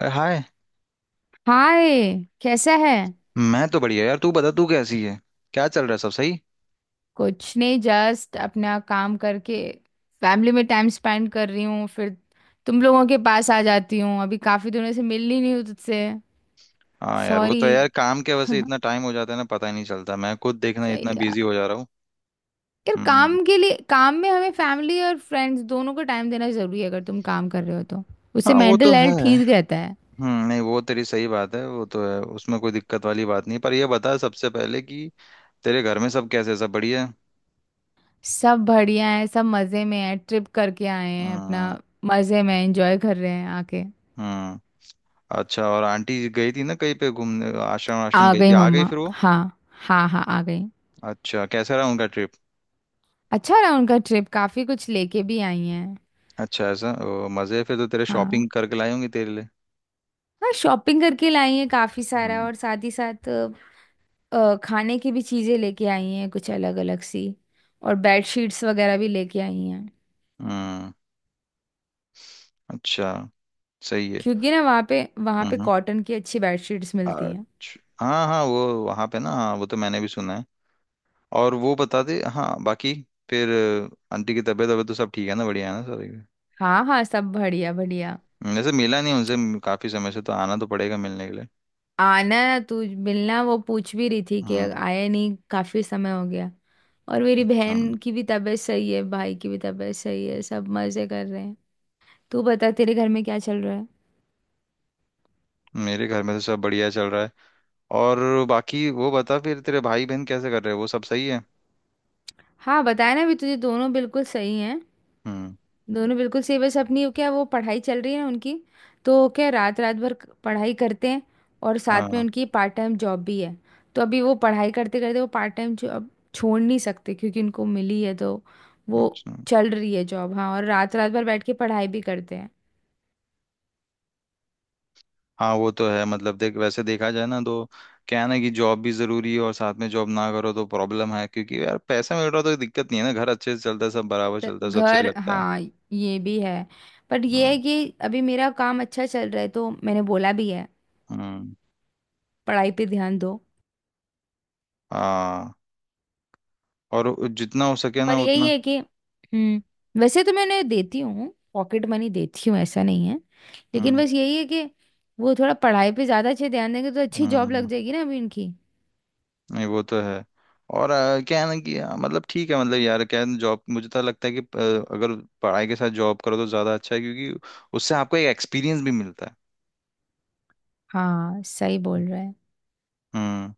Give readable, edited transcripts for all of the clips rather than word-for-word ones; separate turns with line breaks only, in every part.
अरे hi.
Hi. कैसा है?
मैं तो बढ़िया यार। तू बता, तू कैसी है? क्या चल रहा है? सब सही?
कुछ नहीं, जस्ट अपना काम करके फैमिली में टाइम स्पेंड कर रही हूँ। फिर तुम लोगों के पास आ जाती हूँ, अभी काफी दिनों से मिल ही नहीं हूँ तुझसे।
हाँ यार, वो तो
सॉरी।
यार काम के वजह से इतना टाइम हो जाता है ना, पता ही नहीं चलता। मैं खुद देखना
सही
इतना बिजी
यार।
हो जा रहा हूँ।
यार,
हम्म।
काम के लिए, काम में हमें फैमिली और फ्रेंड्स दोनों को टाइम देना जरूरी है, अगर तुम काम कर रहे हो तो।
हाँ
उससे
वो तो
मेंटल
है।
हेल्थ ठीक रहता है।
नहीं, वो तेरी सही बात है, वो तो है, उसमें कोई दिक्कत वाली बात नहीं। पर ये बता सबसे पहले कि तेरे घर में सब कैसे, सब बढ़िया है?
सब बढ़िया है, सब मज़े में है, ट्रिप करके आए हैं अपना।
हम्म।
मज़े में एंजॉय कर रहे हैं आके।
हम्म। अच्छा, और आंटी गई थी ना कहीं पे घूमने? आश्रम
आ
आश्रम गई थी,
गई
आ गई
मम्मा,
फिर वो?
हाँ। हाँ हाँ, आ गई।
अच्छा, कैसा रहा उनका ट्रिप?
अच्छा रहा उनका ट्रिप, काफी कुछ लेके भी आई हैं।
अच्छा, ऐसा? ओ, मजे। फिर तो तेरे
हाँ।
शॉपिंग करके लाई होंगी तेरे लिए।
हाँ, शॉपिंग करके लाई हैं काफी सारा।
हम्म।
और साथ ही साथ खाने की भी चीजें लेके आई हैं, कुछ अलग अलग सी। और बेड शीट्स वगैरह भी लेके आई हैं।
हम्म। अच्छा, सही है।
क्योंकि ना वहाँ पे
हम्म। हम्म।
कॉटन की अच्छी बेड शीट्स मिलती हैं।
अच्छा। हाँ हाँ, वो वहाँ पे ना, हाँ वो तो मैंने भी सुना है। और वो बता दे हाँ, बाकी। फिर आंटी की तबीयत वबीयत तो सब ठीक है ना, बढ़िया है ना सारी।
हाँ हाँ, सब बढ़िया बढ़िया।
वैसे मिला नहीं उनसे काफी समय से। तो आना तो पड़ेगा मिलने के लिए।
आना ना तू, मिलना। वो पूछ भी रही थी कि
हम्म।
आया नहीं, काफी समय हो गया। और मेरी
अच्छा।
बहन की भी तबीयत सही है, भाई की भी तबीयत सही है, सब मजे कर रहे हैं। तू बता, तेरे घर में क्या चल रहा है?
मेरे घर में तो सब बढ़िया चल रहा है। और बाकी वो बता फिर, तेरे भाई बहन कैसे कर रहे हैं? वो सब सही है?
हाँ बताया ना अभी तुझे, दोनों बिल्कुल सही हैं।
हम्म।
दोनों बिल्कुल सही। बस अपनी क्या वो पढ़ाई चल रही है ना उनकी, तो क्या रात रात भर पढ़ाई करते हैं। और साथ में
हाँ।
उनकी पार्ट टाइम जॉब भी है। तो अभी वो पढ़ाई करते करते वो पार्ट टाइम जॉब छोड़ नहीं सकते क्योंकि उनको मिली है, तो वो
अच्छा।
चल रही है जॉब, हाँ। और रात रात भर बैठ के पढ़ाई भी करते हैं।
हाँ वो तो है। मतलब देख, वैसे देखा जाए ना तो क्या है ना कि जॉब भी जरूरी है, और साथ में जॉब ना करो तो प्रॉब्लम है। क्योंकि यार, पैसा मिल रहा तो दिक्कत नहीं है ना, घर अच्छे से चलता है, सब बराबर चलता है, सब सही
घर,
लगता है।
हाँ, ये भी है। पर ये है
हम्म।
कि अभी मेरा काम अच्छा चल रहा है, तो मैंने बोला भी है,
हम्म।
पढ़ाई पे ध्यान दो।
हाँ, और जितना हो सके
पर
ना
यही
उतना।
है कि वैसे तो मैं उन्हें देती हूँ, पॉकेट मनी देती हूँ, ऐसा नहीं है, लेकिन
हम्म।
बस यही है कि वो थोड़ा पढ़ाई पे ज्यादा अच्छे ध्यान देंगे तो अच्छी जॉब लग
हम्म।
जाएगी ना अभी इनकी।
नहीं वो तो है। और क्या है ना कि मतलब ठीक है, मतलब यार क्या जॉब, मुझे तो लगता है कि अगर पढ़ाई के साथ जॉब करो तो ज्यादा अच्छा है, क्योंकि उससे आपको एक एक्सपीरियंस भी मिलता है।
हाँ, सही बोल रहा है।
हम्म।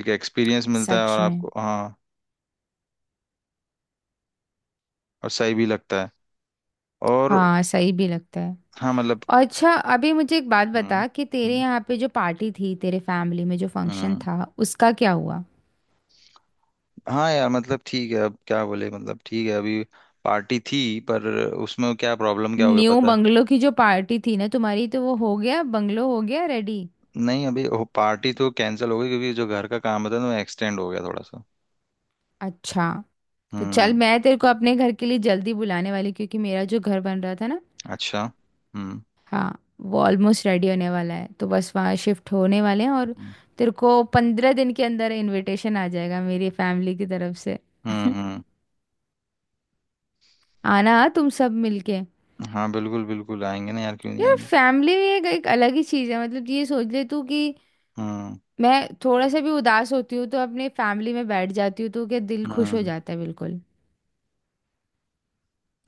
एक एक्सपीरियंस मिलता है
सच
और
में।
आपको, हाँ। और सही भी लगता है। और
हाँ, सही भी लगता है।
हाँ, मतलब।
अच्छा, अभी मुझे एक बात
हम्म।
बता कि तेरे
हम्म।
यहाँ पे जो पार्टी थी, तेरे फैमिली में जो फंक्शन
हम्म।
था, उसका क्या हुआ?
हाँ यार मतलब ठीक है, अब क्या बोले, मतलब ठीक है अभी। पार्टी थी, पर उसमें क्या प्रॉब्लम, क्या हो गया
न्यू
पता है?
बंगलो की जो पार्टी थी ना तुम्हारी, तो वो हो गया? बंगलो हो गया रेडी?
नहीं अभी, पार्टी तो कैंसिल हो गई, क्योंकि जो घर का काम होता है ना, वो एक्सटेंड हो गया थोड़ा सा।
अच्छा। तो चल,
हम्म।
मैं तेरे को अपने घर के लिए जल्दी बुलाने वाली, क्योंकि मेरा जो घर बन रहा था ना,
अच्छा। हम्म।
हाँ, वो ऑलमोस्ट रेडी होने वाला है तो बस वहाँ शिफ्ट होने वाले हैं। और
हम्म।
तेरे को 15 दिन के अंदर इनविटेशन आ जाएगा मेरी फैमिली की तरफ से।
हम्म।
आना तुम सब मिलके।
हाँ बिल्कुल बिल्कुल, आएंगे ना यार, क्यों नहीं
यार,
आएंगे?
फैमिली एक अलग ही चीज है, मतलब ये सोच ले तू कि
हम्म।
मैं थोड़ा सा भी उदास होती हूँ तो अपने फैमिली में बैठ जाती हूँ, तो क्या दिल खुश हो
हम्म।
जाता है, बिल्कुल।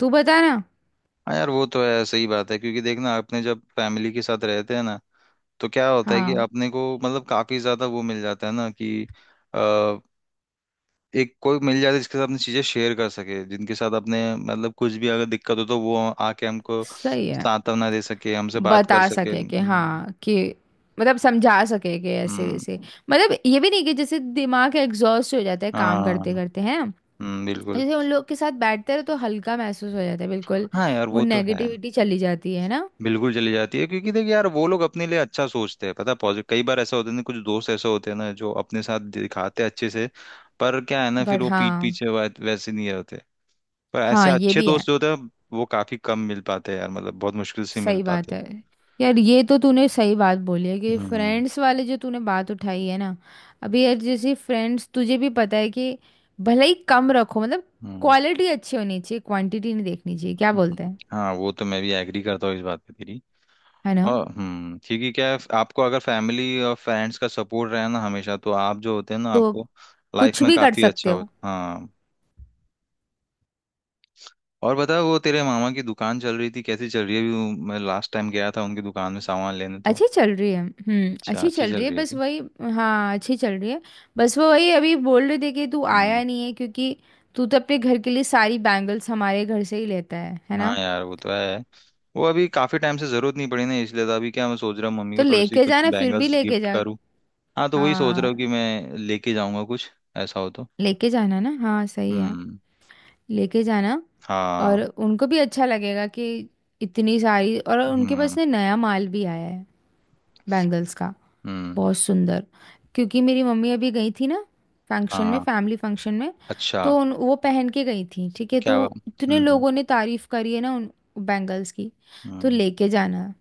तू बता ना।
हाँ यार वो तो है, सही बात है। क्योंकि देखना, अपने जब फैमिली के साथ रहते हैं ना, तो क्या होता है कि
हाँ
अपने को मतलब काफी ज्यादा वो मिल जाता है ना, कि एक कोई मिल जाए तो, जिसके साथ अपनी चीजें शेयर कर सके, जिनके साथ अपने मतलब कुछ भी अगर दिक्कत हो तो वो आके हमको
सही है।
सांत्वना दे सके, हमसे बात कर
बता
सके।
सके कि
हम्म।
हाँ, कि मतलब समझा सके कि ऐसे
हम्म।
ऐसे। मतलब ये भी नहीं कि जैसे दिमाग एग्जॉस्ट हो जाता है काम करते
हाँ।
करते, है ना?
हम्म। बिल्कुल।
जैसे उन लोग के साथ बैठते रहो तो हल्का महसूस हो जाता है, बिल्कुल।
हाँ यार
वो
वो तो है।
नेगेटिविटी चली जाती है ना।
बिल्कुल चली जाती है, क्योंकि देखिए यार, वो लोग अपने लिए अच्छा सोचते हैं पता है, पॉजिटिव। कई बार ऐसा होता है ना, कुछ दोस्त ऐसे होते हैं ना जो अपने साथ दिखाते हैं अच्छे से। पर क्या है ना, फिर
बट
वो पीठ
हाँ।
पीछे वैसे नहीं होते। पर ऐसे
हाँ, ये
अच्छे
भी है।
दोस्त जो होते हैं, वो काफी कम मिल पाते हैं यार, मतलब बहुत मुश्किल से मिल
सही
पाते
बात
हैं।
है यार, ये तो तूने सही बात बोली है, कि
हम्म।
फ्रेंड्स वाले जो तूने बात उठाई है ना। अभी यार, जैसे फ्रेंड्स, तुझे भी पता है कि भले ही कम रखो, मतलब
हम्म।
क्वालिटी अच्छी होनी चाहिए, क्वांटिटी नहीं देखनी चाहिए, क्या बोलते
हम्म।
हैं,
हाँ, वो तो मैं भी एग्री करता हूँ इस बात पे तेरी।
है ना?
और क्योंकि क्या है, आपको अगर फैमिली और फ्रेंड्स का सपोर्ट रहे ना हमेशा, तो आप जो होते हैं ना,
तो
आपको
कुछ
लाइफ में
भी कर
काफी
सकते
अच्छा हो।
हो।
हाँ। और बता, वो तेरे मामा की दुकान चल रही थी, कैसी चल रही है अभी मैं लास्ट टाइम गया था उनकी दुकान में सामान लेने तो।
अच्छी चल रही है,
अच्छा,
अच्छी
अच्छी
चल रही
चल
है,
रही है
बस
कि?
वही। हाँ, अच्छी चल रही है। बस वो वही अभी बोल रहे थे कि तू आया
हम्म।
नहीं है, क्योंकि तू तो अपने घर के लिए सारी बैंगल्स हमारे घर से ही लेता है
हाँ
ना?
यार वो तो है। वो अभी काफी टाइम से जरूरत नहीं पड़ी ना, इसलिए तो अभी क्या मैं सोच रहा हूँ मम्मी
तो
को थोड़ी सी
लेके
कुछ
जाना, फिर भी
बैंगल्स
लेके
गिफ्ट
जा।
करूँ। हाँ तो वही सोच रहा हूँ कि
हाँ,
मैं लेके जाऊंगा कुछ ऐसा हो तो।
लेके जाना ना, हाँ सही है,
हम्म।
लेके जाना। और
हाँ।
उनको भी अच्छा लगेगा कि इतनी सारी। और उनके पास
हम्म।
ना नया माल भी आया है बैंगल्स का,
हम्म।
बहुत सुंदर। क्योंकि मेरी मम्मी अभी गई थी ना फंक्शन में,
हाँ।
फैमिली फंक्शन में,
अच्छा।
तो वो पहन के गई थी, ठीक है,
क्या?
तो
हम्म।
इतने
हम्म।
लोगों ने तारीफ करी है ना उन बैंगल्स की। तो
हम्म।
लेके जाना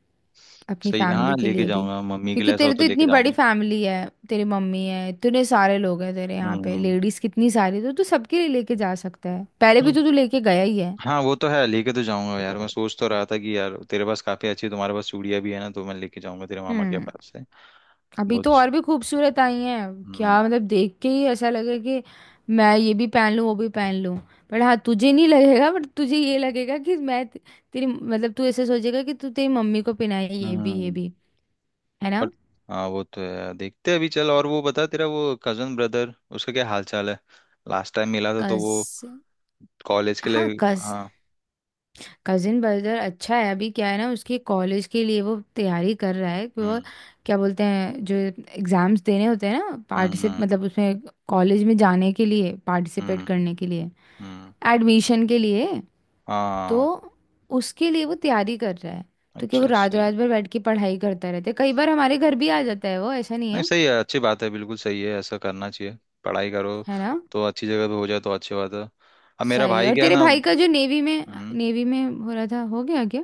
अपनी
सही, हाँ,
फैमिली के
लेके
लिए भी।
जाऊंगा मम्मी के
क्योंकि
लिए ऐसा
तेरी
हो तो
तो इतनी
लेके
बड़ी
जाऊंगा।
फैमिली है, तेरी मम्मी है, इतने सारे लोग हैं तेरे यहाँ पे,
हम्म।
लेडीज कितनी सारी, तो तू सबके लिए लेके जा सकता है, पहले भी
हम्म।
तो तू लेके गया ही है।
हाँ वो तो है, लेके तो जाऊंगा यार। मैं सोच तो रहा था कि यार तेरे पास काफी अच्छी, तुम्हारे पास चूड़ियां भी है ना, तो मैं लेके जाऊंगा तेरे मामा के
हम्म।
पास से।
अभी
बहुत।
तो और भी खूबसूरत आई हैं,
हम्म।
क्या मतलब देख के ही ऐसा लगे कि मैं ये भी पहन लूं वो भी पहन लूं। पर हाँ, तुझे नहीं लगेगा, बट तुझे ये लगेगा कि तेरी, मतलब तू ऐसे सोचेगा कि तू तेरी मम्मी को पहनाए ये भी ये
हम्म।
भी, है ना?
और हाँ वो तो है, देखते हैं अभी चल। और वो बता तेरा वो कजन ब्रदर, उसका क्या हाल चाल है? लास्ट टाइम मिला था तो वो
कजिन?
कॉलेज के
हाँ,
लिए।
कज
हाँ।
कजिन ब्रदर अच्छा है। अभी क्या है ना, उसके कॉलेज के लिए वो तैयारी कर रहा है कि वो
हम्म।
क्या बोलते हैं, जो एग्जाम्स देने होते हैं ना,
हम्म।
पार्टिसिप
हम्म।
मतलब उसमें कॉलेज में जाने के लिए, पार्टिसिपेट
हम्म।
करने के लिए,
हम्म।
एडमिशन के लिए, तो
हाँ,
उसके लिए वो तैयारी कर रहा है। तो क्या वो
अच्छा,
रात
सही है।
रात भर बैठ के पढ़ाई करता रहता है, कई बार हमारे घर भी आ जाता है वो, ऐसा नहीं
नहीं
है।
सही है, अच्छी बात है, बिल्कुल सही है, ऐसा करना चाहिए। पढ़ाई करो
है ना,
तो अच्छी जगह पे हो जाए तो अच्छी बात है। अब मेरा
सही है।
भाई
और
क्या है
तेरे
ना।
भाई का जो नेवी में,
हम्म,
नेवी में हो रहा था, हो गया क्या?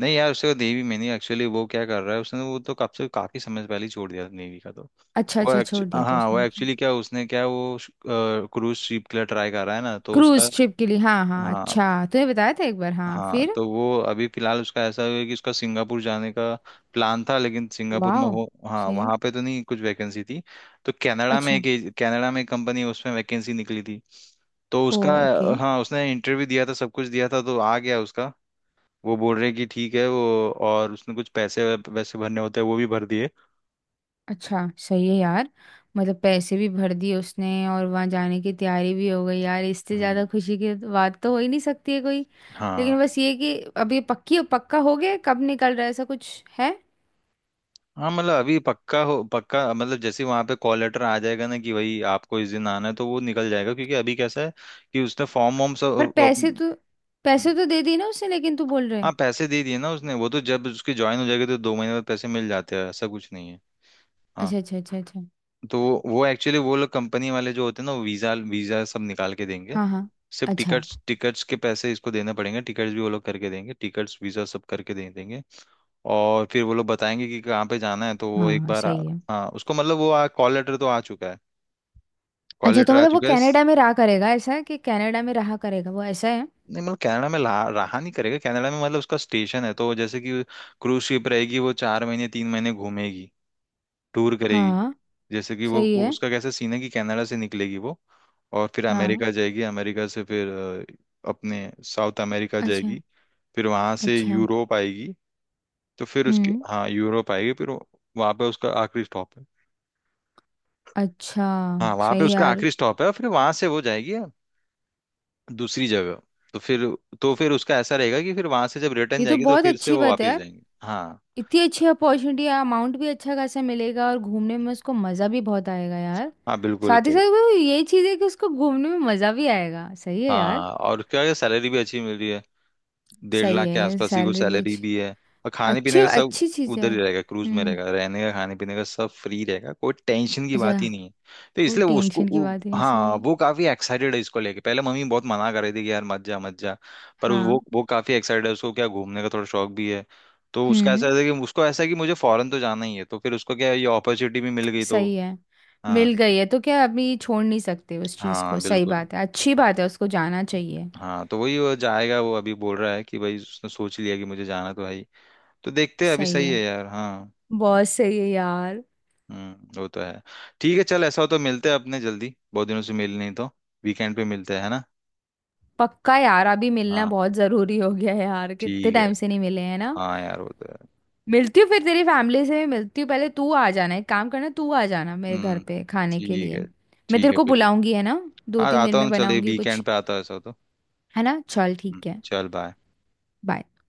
नहीं यार, उससे नेवी में नहीं, एक्चुअली वो क्या कर रहा है, उसने वो तो कब से काफी समय पहले ही छोड़ दिया नेवी का तो।
अच्छा
वो
अच्छा,
एक्चु
छोड़ दिया था
हाँ वो
उसने, ओके।
एक्चुअली क्या उसने क्या वो क्रूज शिप के लिए ट्राई कर रहा है ना, तो उसका।
क्रूज ट्रिप के लिए? हाँ हाँ,
हाँ
अच्छा तूने बताया था एक बार, हाँ
हाँ,
फिर।
तो वो अभी फिलहाल उसका ऐसा है कि उसका सिंगापुर जाने का प्लान था, लेकिन सिंगापुर में
वाह,
हो हाँ
सही है।
वहाँ पे तो नहीं कुछ वैकेंसी थी। तो
अच्छा।
कनाडा में एक कंपनी है, उसमें वैकेंसी निकली थी। तो
ओ,
उसका,
ओके।
हाँ उसने इंटरव्यू दिया था, सब कुछ दिया था, तो आ गया उसका। वो बोल रहे कि ठीक है वो, और उसने कुछ पैसे वैसे भरने होते हैं, वो भी भर दिए।
अच्छा सही है यार, मतलब पैसे भी भर दिए उसने और वहां जाने की तैयारी भी हो गई यार, इससे
हम्म।
ज्यादा खुशी की बात तो हो ही नहीं सकती है कोई।
हाँ।
लेकिन बस ये कि अब ये पक्की पक्का हो गया है? कब निकल रहा है, ऐसा कुछ है?
हाँ मतलब अभी पक्का हो, पक्का मतलब जैसे ही वहां पे कॉल लेटर आ जाएगा ना कि भाई आपको इस दिन आना है, तो वो निकल जाएगा। क्योंकि अभी कैसा है कि उसने फॉर्म वॉर्म
पर
सब
पैसे तो
अ,
पैसे तो दे दिए ना उसने, लेकिन तू बोल रहे है।
हाँ पैसे दे दिए ना उसने, वो तो जब उसकी ज्वाइन हो जाएगी तो 2 महीने बाद पैसे मिल जाते हैं, ऐसा कुछ नहीं है।
अच्छा अच्छा अच्छा अच्छा।
तो वो एक्चुअली, वो लोग कंपनी वाले जो होते हैं ना, वो वीजा वीजा सब निकाल के देंगे।
हाँ हाँ,
सिर्फ
अच्छा।
टिकट्स टिकट्स के पैसे इसको देने पड़ेंगे, टिकट्स भी वो लोग करके देंगे, टिकट्स वीजा सब करके दे देंगे। और फिर वो लोग बताएंगे कि कहाँ पे जाना है, तो वो
हाँ
एक
हाँ,
बार
सही है।
हाँ उसको मतलब वो कॉल लेटर तो आ चुका है। कॉल
अच्छा, तो
लेटर आ
मतलब वो
चुका है।
कनाडा में रहा करेगा, ऐसा है कि कनाडा में रहा करेगा वो, ऐसा है?
नहीं मतलब कनाडा में रहा नहीं करेगा, कनाडा में मतलब उसका स्टेशन है, तो जैसे कि क्रूज शिप रहेगी, वो 4 महीने 3 महीने घूमेगी, टूर करेगी।
हाँ
जैसे कि वो
सही
वो
है।
उसका कैसा सीन है कि कनाडा से निकलेगी वो, और फिर
हाँ,
अमेरिका जाएगी, अमेरिका से फिर अपने साउथ अमेरिका
अच्छा
जाएगी। फिर वहां से
अच्छा,
यूरोप आएगी। तो फिर उसके,
हम्म।
हाँ यूरोप आएगी फिर, वहां पे उसका आखिरी स्टॉप है।
अच्छा,
हाँ वहां पे
सही
उसका
यार,
आखिरी स्टॉप है, और फिर वहां से वो जाएगी दूसरी जगह। तो फिर तो फिर उसका ऐसा रहेगा कि फिर वहां से जब रिटर्न
ये तो
जाएगी तो
बहुत
फिर से
अच्छी
वो
बात है
वापस
यार,
जाएंगे। हाँ।
इतनी अच्छी अपॉर्चुनिटी है, अमाउंट भी अच्छा खासा मिलेगा और घूमने में उसको मज़ा भी बहुत आएगा यार।
हाँ बिल्कुल
साथ ही
तो।
साथ वो ये चीज़ है कि उसको घूमने में मज़ा भी आएगा, सही है यार।
हाँ, और क्या सैलरी भी अच्छी मिल रही है, डेढ़
सही
लाख के
है,
आसपास ही कुछ
सैलरी भी
सैलरी
अच्छी,
भी है। और खाने
अच्छी
पीने का सब
अच्छी चीज़ है
उधर
यार।
ही रहेगा, क्रूज में
हम्म।
रहेगा, रहने का खाने पीने का सब फ्री रहेगा, कोई टेंशन की
अच्छा,
बात ही नहीं है। तो
कोई
इसलिए वो उसको
टेंशन की बात ही नहीं, सही
हाँ
है।
वो काफी एक्साइटेड है इसको लेके, पहले मम्मी बहुत मना कर रही थी कि यार मत जा मत जा। पर वो
हाँ।
वो काफी एक्साइटेड है, उसको क्या घूमने का थोड़ा शौक भी है। तो उसका ऐसा
हम्म।
है कि उसको ऐसा है कि मुझे फॉरेन तो जाना ही है, तो फिर उसको क्या है, ये अपॉर्चुनिटी भी मिल गई तो।
सही है,
हाँ।
मिल गई है तो क्या अभी छोड़ नहीं सकते उस चीज़ को,
हाँ
सही
बिल्कुल।
बात है, अच्छी बात है, उसको जाना चाहिए।
हाँ तो वही, वो जाएगा, वो अभी बोल रहा है कि भाई उसने सोच लिया कि मुझे जाना तो है ही। तो देखते हैं अभी,
सही
सही है
है,
यार, हाँ।
बहुत सही है यार।
हम्म। वो तो है। ठीक है चल, ऐसा हो तो मिलते हैं अपने जल्दी, बहुत दिनों से मिल नहीं तो। वीकेंड पे मिलते हैं, है ना?
पक्का यार, अभी मिलना
हाँ,
बहुत जरूरी हो गया है यार, कितने
ठीक है।
टाइम से नहीं मिले हैं ना।
हाँ यार वो तो है।
मिलती हूँ फिर, तेरी फैमिली से भी मिलती हूँ, पहले तू आ जाना, एक काम करना, तू आ जाना मेरे घर
हम्म।
पे खाने के
ठीक
लिए,
है।
मैं
ठीक
तेरे
है
को
बिल्कुल।
बुलाऊंगी, है ना? दो
हाँ
तीन दिन
आता
में
हूँ चल,
बनाऊंगी कुछ।
वीकेंड पे आता हूँ ऐसा हो तो।
है ना, चल ठीक है।
चल बाय।
बाय।